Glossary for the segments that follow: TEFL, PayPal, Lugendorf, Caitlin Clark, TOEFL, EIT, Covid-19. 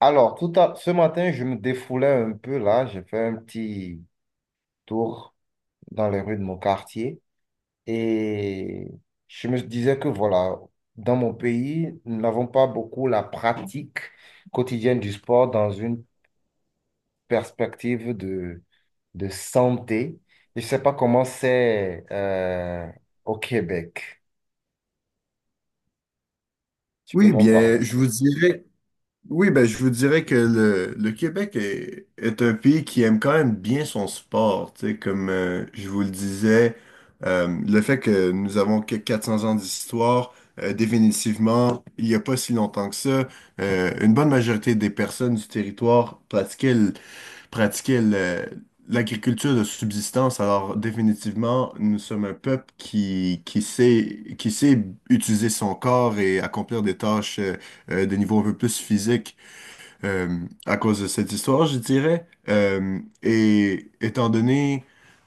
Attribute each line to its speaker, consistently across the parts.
Speaker 1: Alors, ce matin, je me défoulais un peu là. J'ai fait un petit tour dans les rues de mon quartier et je me disais que voilà, dans mon pays, nous n'avons pas beaucoup la pratique quotidienne du sport dans une perspective de santé. Je ne sais pas comment c'est au Québec. Tu peux
Speaker 2: Oui,
Speaker 1: m'en parler
Speaker 2: bien,
Speaker 1: un
Speaker 2: je
Speaker 1: peu?
Speaker 2: vous dirais, oui, ben, je vous dirais que le Québec est un pays qui aime quand même bien son sport. Tu sais, comme je vous le disais, le fait que nous avons que 400 ans d'histoire, définitivement, il n'y a pas si longtemps que ça, une bonne majorité des personnes du territoire pratiquaient le, pratiquaient le- l'agriculture de subsistance. Alors, définitivement, nous sommes un peuple qui sait utiliser son corps et accomplir des tâches de niveau un peu plus physique euh, à cause de cette histoire, je dirais. Et étant donné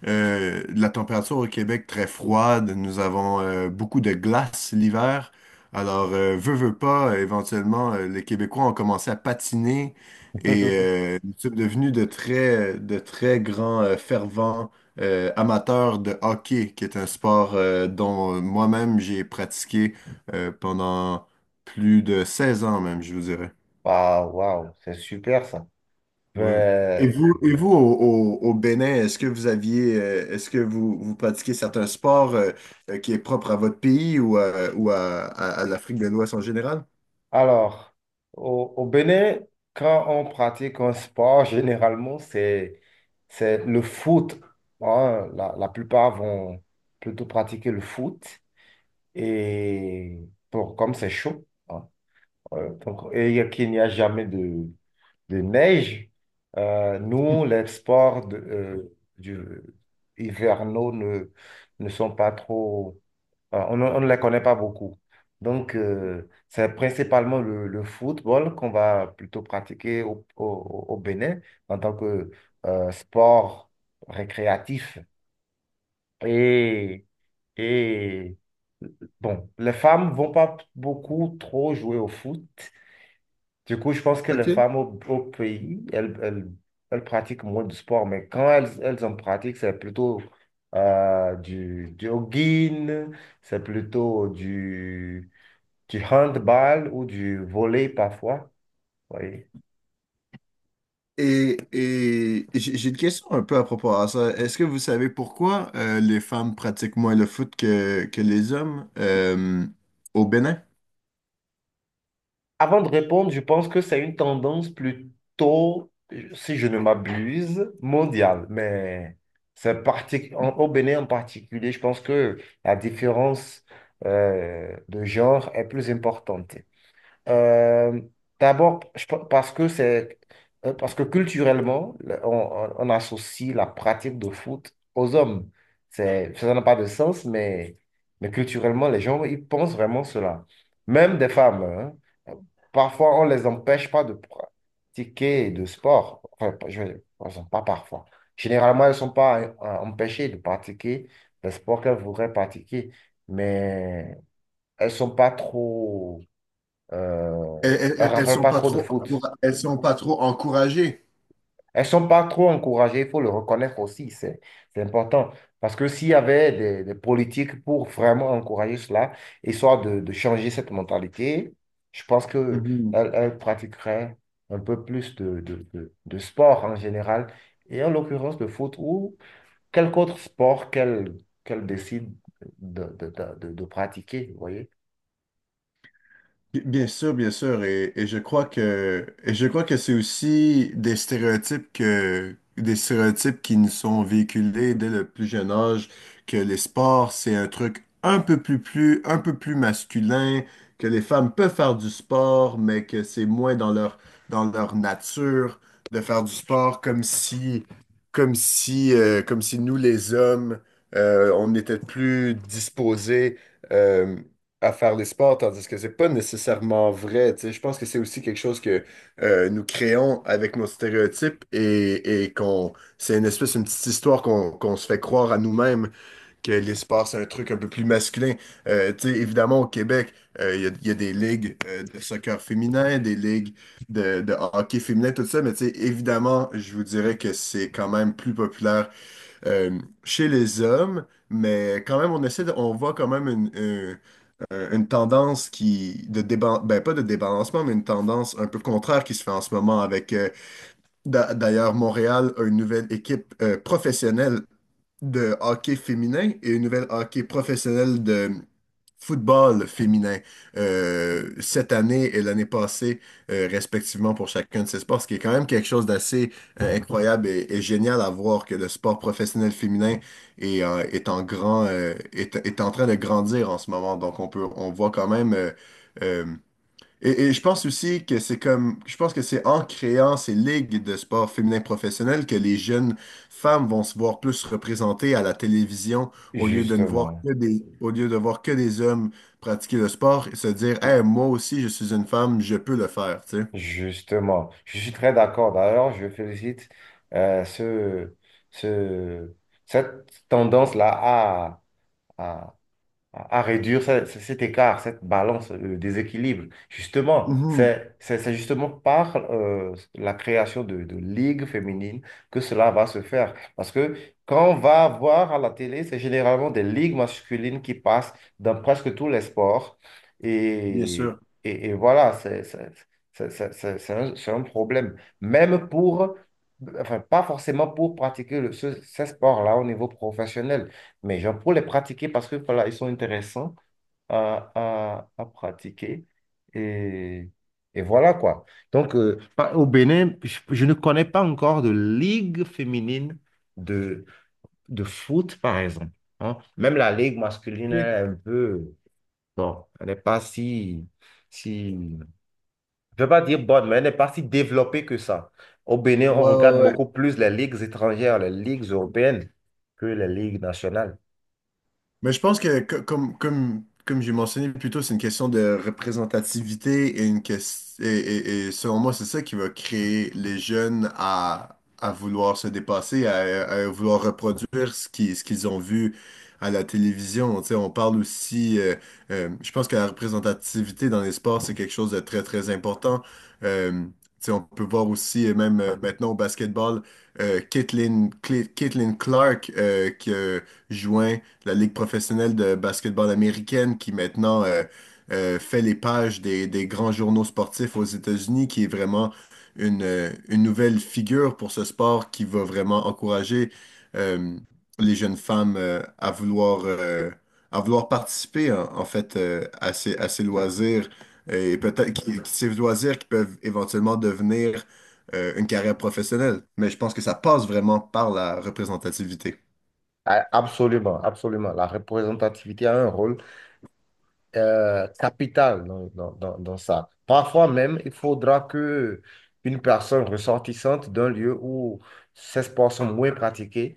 Speaker 2: la température au Québec très froide, nous avons beaucoup de glace l'hiver. Alors, veux, veux pas, éventuellement, les Québécois ont commencé à patiner et nous sommes devenus de très grands fervents amateurs de hockey, qui est un sport dont moi-même j'ai pratiqué pendant plus de 16 ans même, je vous dirais.
Speaker 1: Waouh, waouh, c'est super ça.
Speaker 2: Ouais. Et
Speaker 1: Ben,
Speaker 2: vous, au Bénin, est-ce que vous aviez, est-ce que vous pratiquez certains sports qui est propre à votre pays ou à, à l'Afrique de l'Ouest en général?
Speaker 1: alors, au Bénin, quand on pratique un sport, généralement, c'est le foot. Hein. La plupart vont plutôt pratiquer le foot. Et pour, comme c'est chaud, hein, donc, et qu'il n'y a jamais de neige. Euh, nous, les sports hivernaux ne sont pas trop. Voilà. On ne les connaît pas beaucoup. Donc, c'est principalement le football qu'on va plutôt pratiquer au Bénin en tant que sport récréatif. Et, et bon, les femmes vont pas beaucoup trop jouer au foot. Du coup, je pense que les
Speaker 2: OK.
Speaker 1: femmes au pays, elles pratiquent moins de sport, mais quand elles en pratiquent, c'est plutôt du jogging, c'est plutôt du handball ou du volley parfois. Oui.
Speaker 2: Et j'ai une question un peu à propos de ça. Est-ce que vous savez pourquoi les femmes pratiquent moins le foot que les hommes au Bénin?
Speaker 1: Avant de répondre, je pense que c'est une tendance plutôt, si je ne m'abuse, mondiale. Mais au Bénin en particulier, je pense que la différence de genre est plus importante. Euh, D'abord, je pe- parce que c'est parce que culturellement, on associe la pratique de foot aux hommes. C'est, ça n'a pas de sens, mais culturellement, les gens, ils pensent vraiment cela. Même des femmes, hein. Parfois, on les empêche pas de pratiquer de sport. Enfin, pas parfois. Généralement, elles ne sont pas empêchées de pratiquer le sport qu'elles voudraient pratiquer, mais elles ne sont pas trop euh, elles ne raffolent pas trop de foot.
Speaker 2: Elles sont pas trop encouragées.
Speaker 1: Elles ne sont pas trop encouragées, il faut le reconnaître aussi, c'est important. Parce que s'il y avait des politiques pour vraiment encourager cela, histoire de changer cette mentalité, je pense qu'elles pratiqueraient un peu plus de sport en général, et en l'occurrence de foot ou quelque autre sport qu'elles décident de pratiquer, vous voyez?
Speaker 2: Bien sûr, et je crois que et je crois que c'est aussi des stéréotypes qui nous sont véhiculés dès le plus jeune âge, que les sports, c'est un truc un peu plus masculin, que les femmes peuvent faire du sport, mais que c'est moins dans leur nature de faire du sport, comme si comme si nous les hommes on était plus disposés, euh, à faire les sports, tandis que c'est pas nécessairement vrai. Tu sais. Je pense que c'est aussi quelque chose que nous créons avec nos stéréotypes et qu'on c'est une espèce, une petite histoire qu'on se fait croire à nous-mêmes que les sports, c'est un truc un peu plus masculin. Tu sais, évidemment, au Québec, il y a des ligues de soccer féminin, des ligues de hockey féminin, tout ça, mais tu sais, évidemment, je vous dirais que c'est quand même plus populaire euh, chez les hommes. Mais quand même, on voit quand même une tendance ben, pas de débalancement, mais une tendance un peu contraire qui se fait en ce moment avec, d'ailleurs, Montréal a une nouvelle équipe professionnelle de hockey féminin et une nouvelle hockey professionnelle de football féminin cette année et l'année passée, respectivement, pour chacun de ces sports, ce qui est quand même quelque chose d'assez incroyable et génial à voir que le sport professionnel féminin est en train de grandir en ce moment. Donc, on voit quand même. Euh, je pense aussi que c'est je pense que c'est en créant ces ligues de sport féminin professionnel que les jeunes femmes vont se voir plus représentées à la télévision au lieu de ne voir
Speaker 1: Justement.
Speaker 2: que des, au lieu de voir que des hommes pratiquer le sport et se dire, Hey, moi aussi, je suis une femme, je peux le faire, tu sais.
Speaker 1: Justement, je suis très d'accord. D'ailleurs, je félicite euh, ce, ce, cette tendance-là à, à réduire cet écart, cette balance, le déséquilibre. Justement,
Speaker 2: Mhm,
Speaker 1: c'est justement par la création de ligues féminines que cela va se faire. Parce que quand on va voir à la télé, c'est généralement des ligues masculines qui passent dans presque tous les sports.
Speaker 2: bien
Speaker 1: Et,
Speaker 2: sûr.
Speaker 1: et voilà, c'est un problème. Enfin, pas forcément pour pratiquer ces sports-là au niveau professionnel. Mais genre, pour les pratiquer, parce que voilà, ils sont intéressants à pratiquer. Et, et voilà quoi. Donc, au Bénin, je ne connais pas encore de ligue féminine de, de foot, par exemple. Hein. Même la ligue masculine,
Speaker 2: Ok.
Speaker 1: elle est un peu. Bon, elle n'est pas si. Je ne veux pas dire bonne, mais elle n'est pas si développée que ça. Au Bénin, on
Speaker 2: Ouais,
Speaker 1: regarde
Speaker 2: ouais, ouais.
Speaker 1: beaucoup plus les ligues étrangères, les ligues européennes que les ligues nationales.
Speaker 2: Mais je pense que, comme j'ai mentionné plus tôt, c'est une question de représentativité et une question, et selon moi, c'est ça qui va créer les jeunes à vouloir se dépasser, à vouloir reproduire ce qu'ils ont vu à la télévision. Tu sais, on parle aussi, je pense que la représentativité dans les sports, c'est quelque chose de très, très important. Euh, Tu sais, on peut voir aussi, et même maintenant au basketball, euh, Caitlin, Caitlin Clark qui a joint la Ligue professionnelle de basketball américaine qui maintenant fait les pages des grands journaux sportifs aux États-Unis, qui est vraiment une nouvelle figure pour ce sport qui va vraiment encourager euh, les jeunes femmes à vouloir participer en fait à ces loisirs et peut-être ces loisirs qui peuvent éventuellement devenir une carrière professionnelle. Mais je pense que ça passe vraiment par la représentativité.
Speaker 1: Ah, absolument, absolument. La représentativité a un rôle capital dans ça. Parfois même, il faudra que une personne ressortissante d'un lieu où ces sports sont moins pratiqués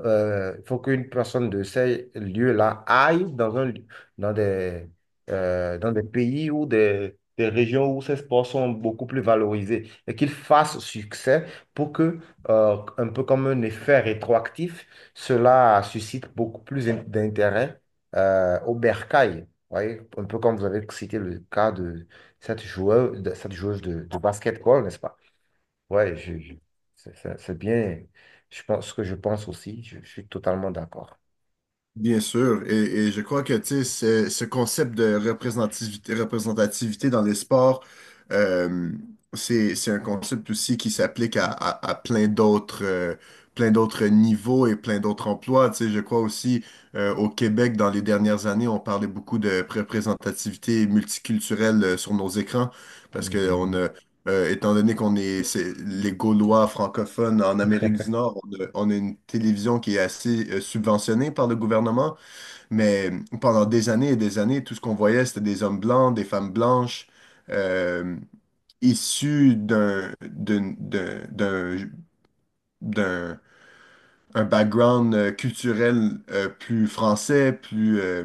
Speaker 1: il faut qu'une personne de ces lieux-là aille dans des, dans des pays ou des régions où ces sports sont beaucoup plus valorisés et qu'il fasse succès pour que, un peu comme un effet rétroactif, cela suscite beaucoup plus d'intérêt au bercail. Vous voyez, un peu comme vous avez cité le cas de cette joueuse de basketball, n'est-ce pas? Ouais, c'est bien. Je pense ce que je pense aussi. Je suis totalement d'accord.
Speaker 2: Bien sûr, et je crois que tu sais, ce concept de représentativité, dans les sports, euh, c'est un concept aussi qui s'applique à plein d'autres niveaux et plein d'autres emplois. Tu sais, je crois aussi au Québec, dans les dernières années, on parlait beaucoup de représentativité multiculturelle sur nos écrans parce qu'on
Speaker 1: Mhm.
Speaker 2: étant donné qu'on est, les Gaulois francophones en Amérique du Nord, on a une télévision qui est assez subventionnée par le gouvernement, mais pendant des années et des années, tout ce qu'on voyait, c'était des hommes blancs, des femmes blanches, euh, issus d'un d'un d'un d'un d'un- un background culturel plus français, plus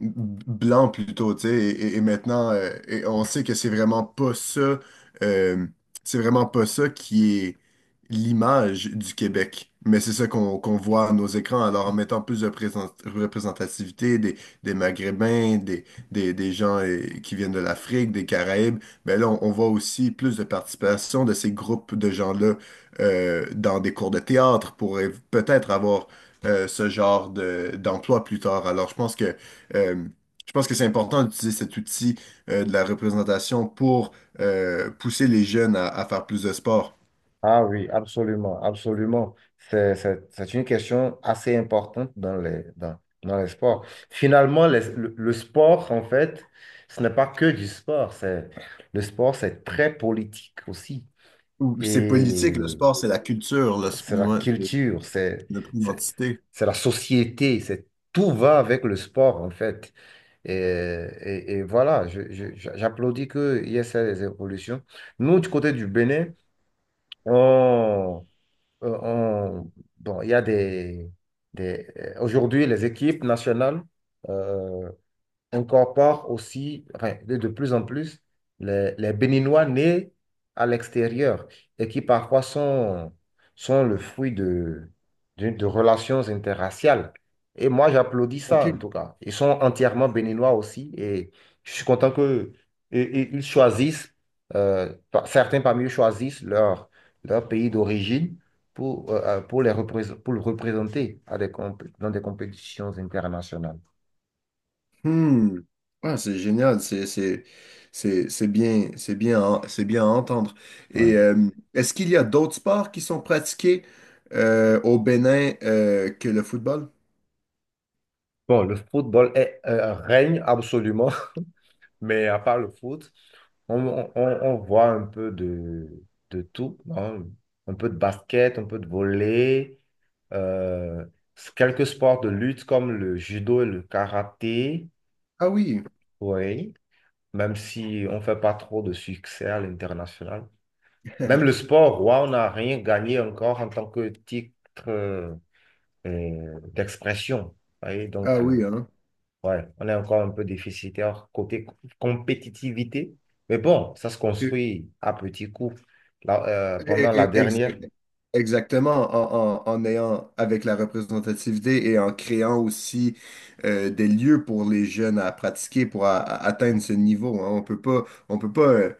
Speaker 2: blanc plutôt, tu sais, et maintenant, et on sait que c'est vraiment pas ça, euh, c'est vraiment pas ça qui est l'image du Québec, mais c'est ça qu'on voit à nos écrans. Alors, en mettant plus de représentativité des Maghrébins, des gens qui viennent de l'Afrique, des Caraïbes, ben là, on voit aussi plus de participation de ces groupes de gens-là dans des cours de théâtre pour peut-être avoir ce genre d'emploi plus tard. Alors, je pense que euh, c'est important d'utiliser cet outil de la représentation pour pousser les jeunes à faire plus de sport.
Speaker 1: Ah oui, absolument, absolument. C'est une question assez importante dans les sports. Finalement, le sport, en fait, ce n'est pas que du sport. Le sport, c'est très politique aussi.
Speaker 2: Ou c'est politique, le
Speaker 1: Et
Speaker 2: sport, c'est la culture,
Speaker 1: c'est la
Speaker 2: ouais, c'est
Speaker 1: culture,
Speaker 2: notre
Speaker 1: c'est,
Speaker 2: identité.
Speaker 1: c'est la société, tout va avec le sport, en fait. Et voilà, j'applaudis qu'il y ait ces évolutions. Nous, du côté du Bénin, on, euh, on- bon, il y a aujourd'hui, les équipes nationales euh, incorpore aussi, enfin, de plus en plus, les Béninois nés à l'extérieur et qui parfois sont le fruit de relations interraciales. Et moi, j'applaudis ça, en tout
Speaker 2: OK.
Speaker 1: cas. Ils sont entièrement Béninois aussi et je suis content que et ils choisissent, certains parmi eux choisissent leur pays d'origine. Pour le représenter dans des compétitions internationales.
Speaker 2: Hmm. Ah, c'est génial, c'est bien à entendre. Et
Speaker 1: Ouais.
Speaker 2: est-ce qu'il y a d'autres sports qui sont pratiqués au Bénin que le football?
Speaker 1: Bon, le football règne absolument, mais à part le foot, voit un peu de tout, hein. Un peu de basket, un peu de volley, euh, quelques sports de lutte comme le judo et le karaté,
Speaker 2: Ah oui,
Speaker 1: oui, même si on ne fait pas trop de succès à l'international. Même le sport, roi, on n'a rien gagné encore en tant que titre euh, d'expression. Vous voyez,
Speaker 2: ah
Speaker 1: donc.
Speaker 2: oui, hein.
Speaker 1: Ouais, on est encore un peu déficitaire côté compétitivité. Mais bon, ça se
Speaker 2: Ok.
Speaker 1: construit à petits coups. Là,
Speaker 2: Eh,
Speaker 1: pendant la
Speaker 2: eh,
Speaker 1: dernière,
Speaker 2: exact- Exactement, en ayant avec la représentativité et en créant aussi des lieux pour les jeunes à pratiquer, pour atteindre ce niveau. Hein. On peut pas,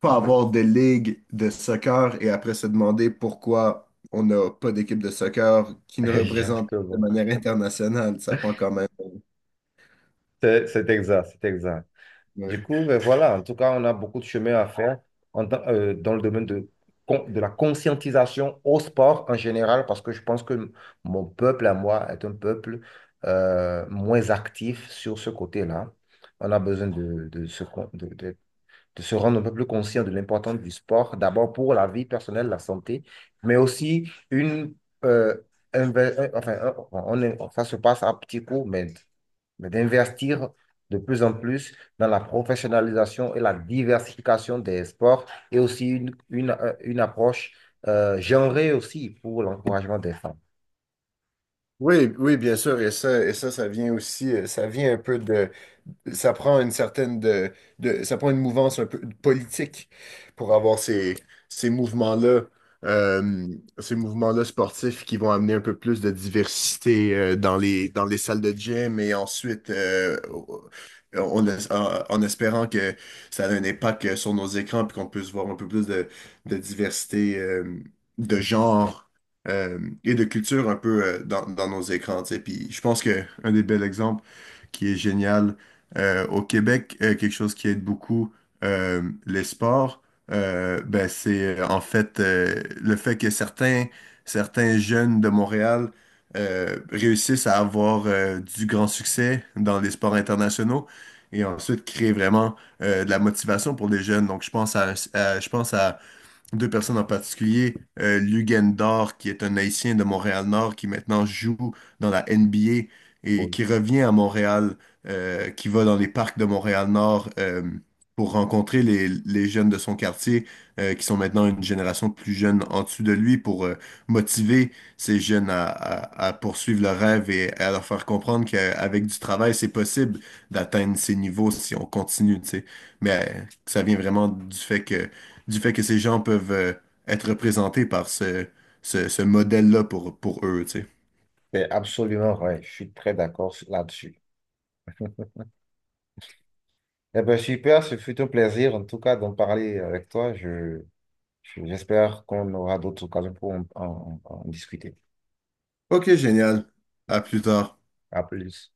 Speaker 2: pas avoir de ligue de soccer et après se demander pourquoi on n'a pas d'équipe de soccer qui nous représente de
Speaker 1: Exactement.
Speaker 2: manière internationale. Ça prend quand même,
Speaker 1: C'est exact, c'est exact.
Speaker 2: ouais.
Speaker 1: Du coup, ben voilà, en tout cas, on a beaucoup de chemin à faire dans le domaine de la conscientisation au sport en général, parce que je pense que mon peuple à moi est un peuple moins actif sur ce côté-là. On a besoin de se rendre un peu plus conscient de l'importance du sport, d'abord pour la vie personnelle, la santé, mais aussi une... euh, ça se passe à petits coups, mais d'investir de plus en plus dans la professionnalisation et la diversification des sports et aussi une approche genrée aussi pour l'encouragement des femmes.
Speaker 2: Oui, oui, bien sûr, ça vient aussi, ça vient un peu de, ça prend une certaine de, ça prend une mouvance un peu politique pour avoir ces, ces mouvements-là, euh, ces mouvements-là sportifs qui vont amener un peu plus de diversité dans les salles de gym et ensuite en espérant que ça a un impact sur nos écrans puis qu'on puisse voir un peu plus de diversité de genre, et de culture un peu dans nos écrans, tu sais. Puis je pense qu'un des bels exemples qui est génial. Au Québec, quelque chose qui aide beaucoup les sports, ben, c'est en fait le fait que certains jeunes de Montréal réussissent à avoir du grand succès dans les sports internationaux et ensuite créer vraiment de la motivation pour les jeunes. Donc, je pense à deux personnes en particulier, Lugendorf, qui est un Haïtien de Montréal-Nord, qui maintenant joue dans la NBA et
Speaker 1: Oui.
Speaker 2: qui revient à Montréal, qui va dans les parcs de Montréal-Nord pour rencontrer les jeunes de son quartier, qui sont maintenant une génération plus jeune en dessous de lui, pour motiver ces jeunes à poursuivre leur rêve et à leur faire comprendre qu'avec du travail, c'est possible d'atteindre ces niveaux si on continue, tu sais. Mais ça vient vraiment du fait que ces gens peuvent être représentés par ce modèle-là pour eux, tu sais.
Speaker 1: C'est absolument vrai, je suis très d'accord là-dessus. Eh bien, super, ce fut un plaisir en tout cas d'en parler avec toi. J'espère qu'on aura d'autres occasions pour en discuter.
Speaker 2: Ok, génial. À plus tard.
Speaker 1: À plus.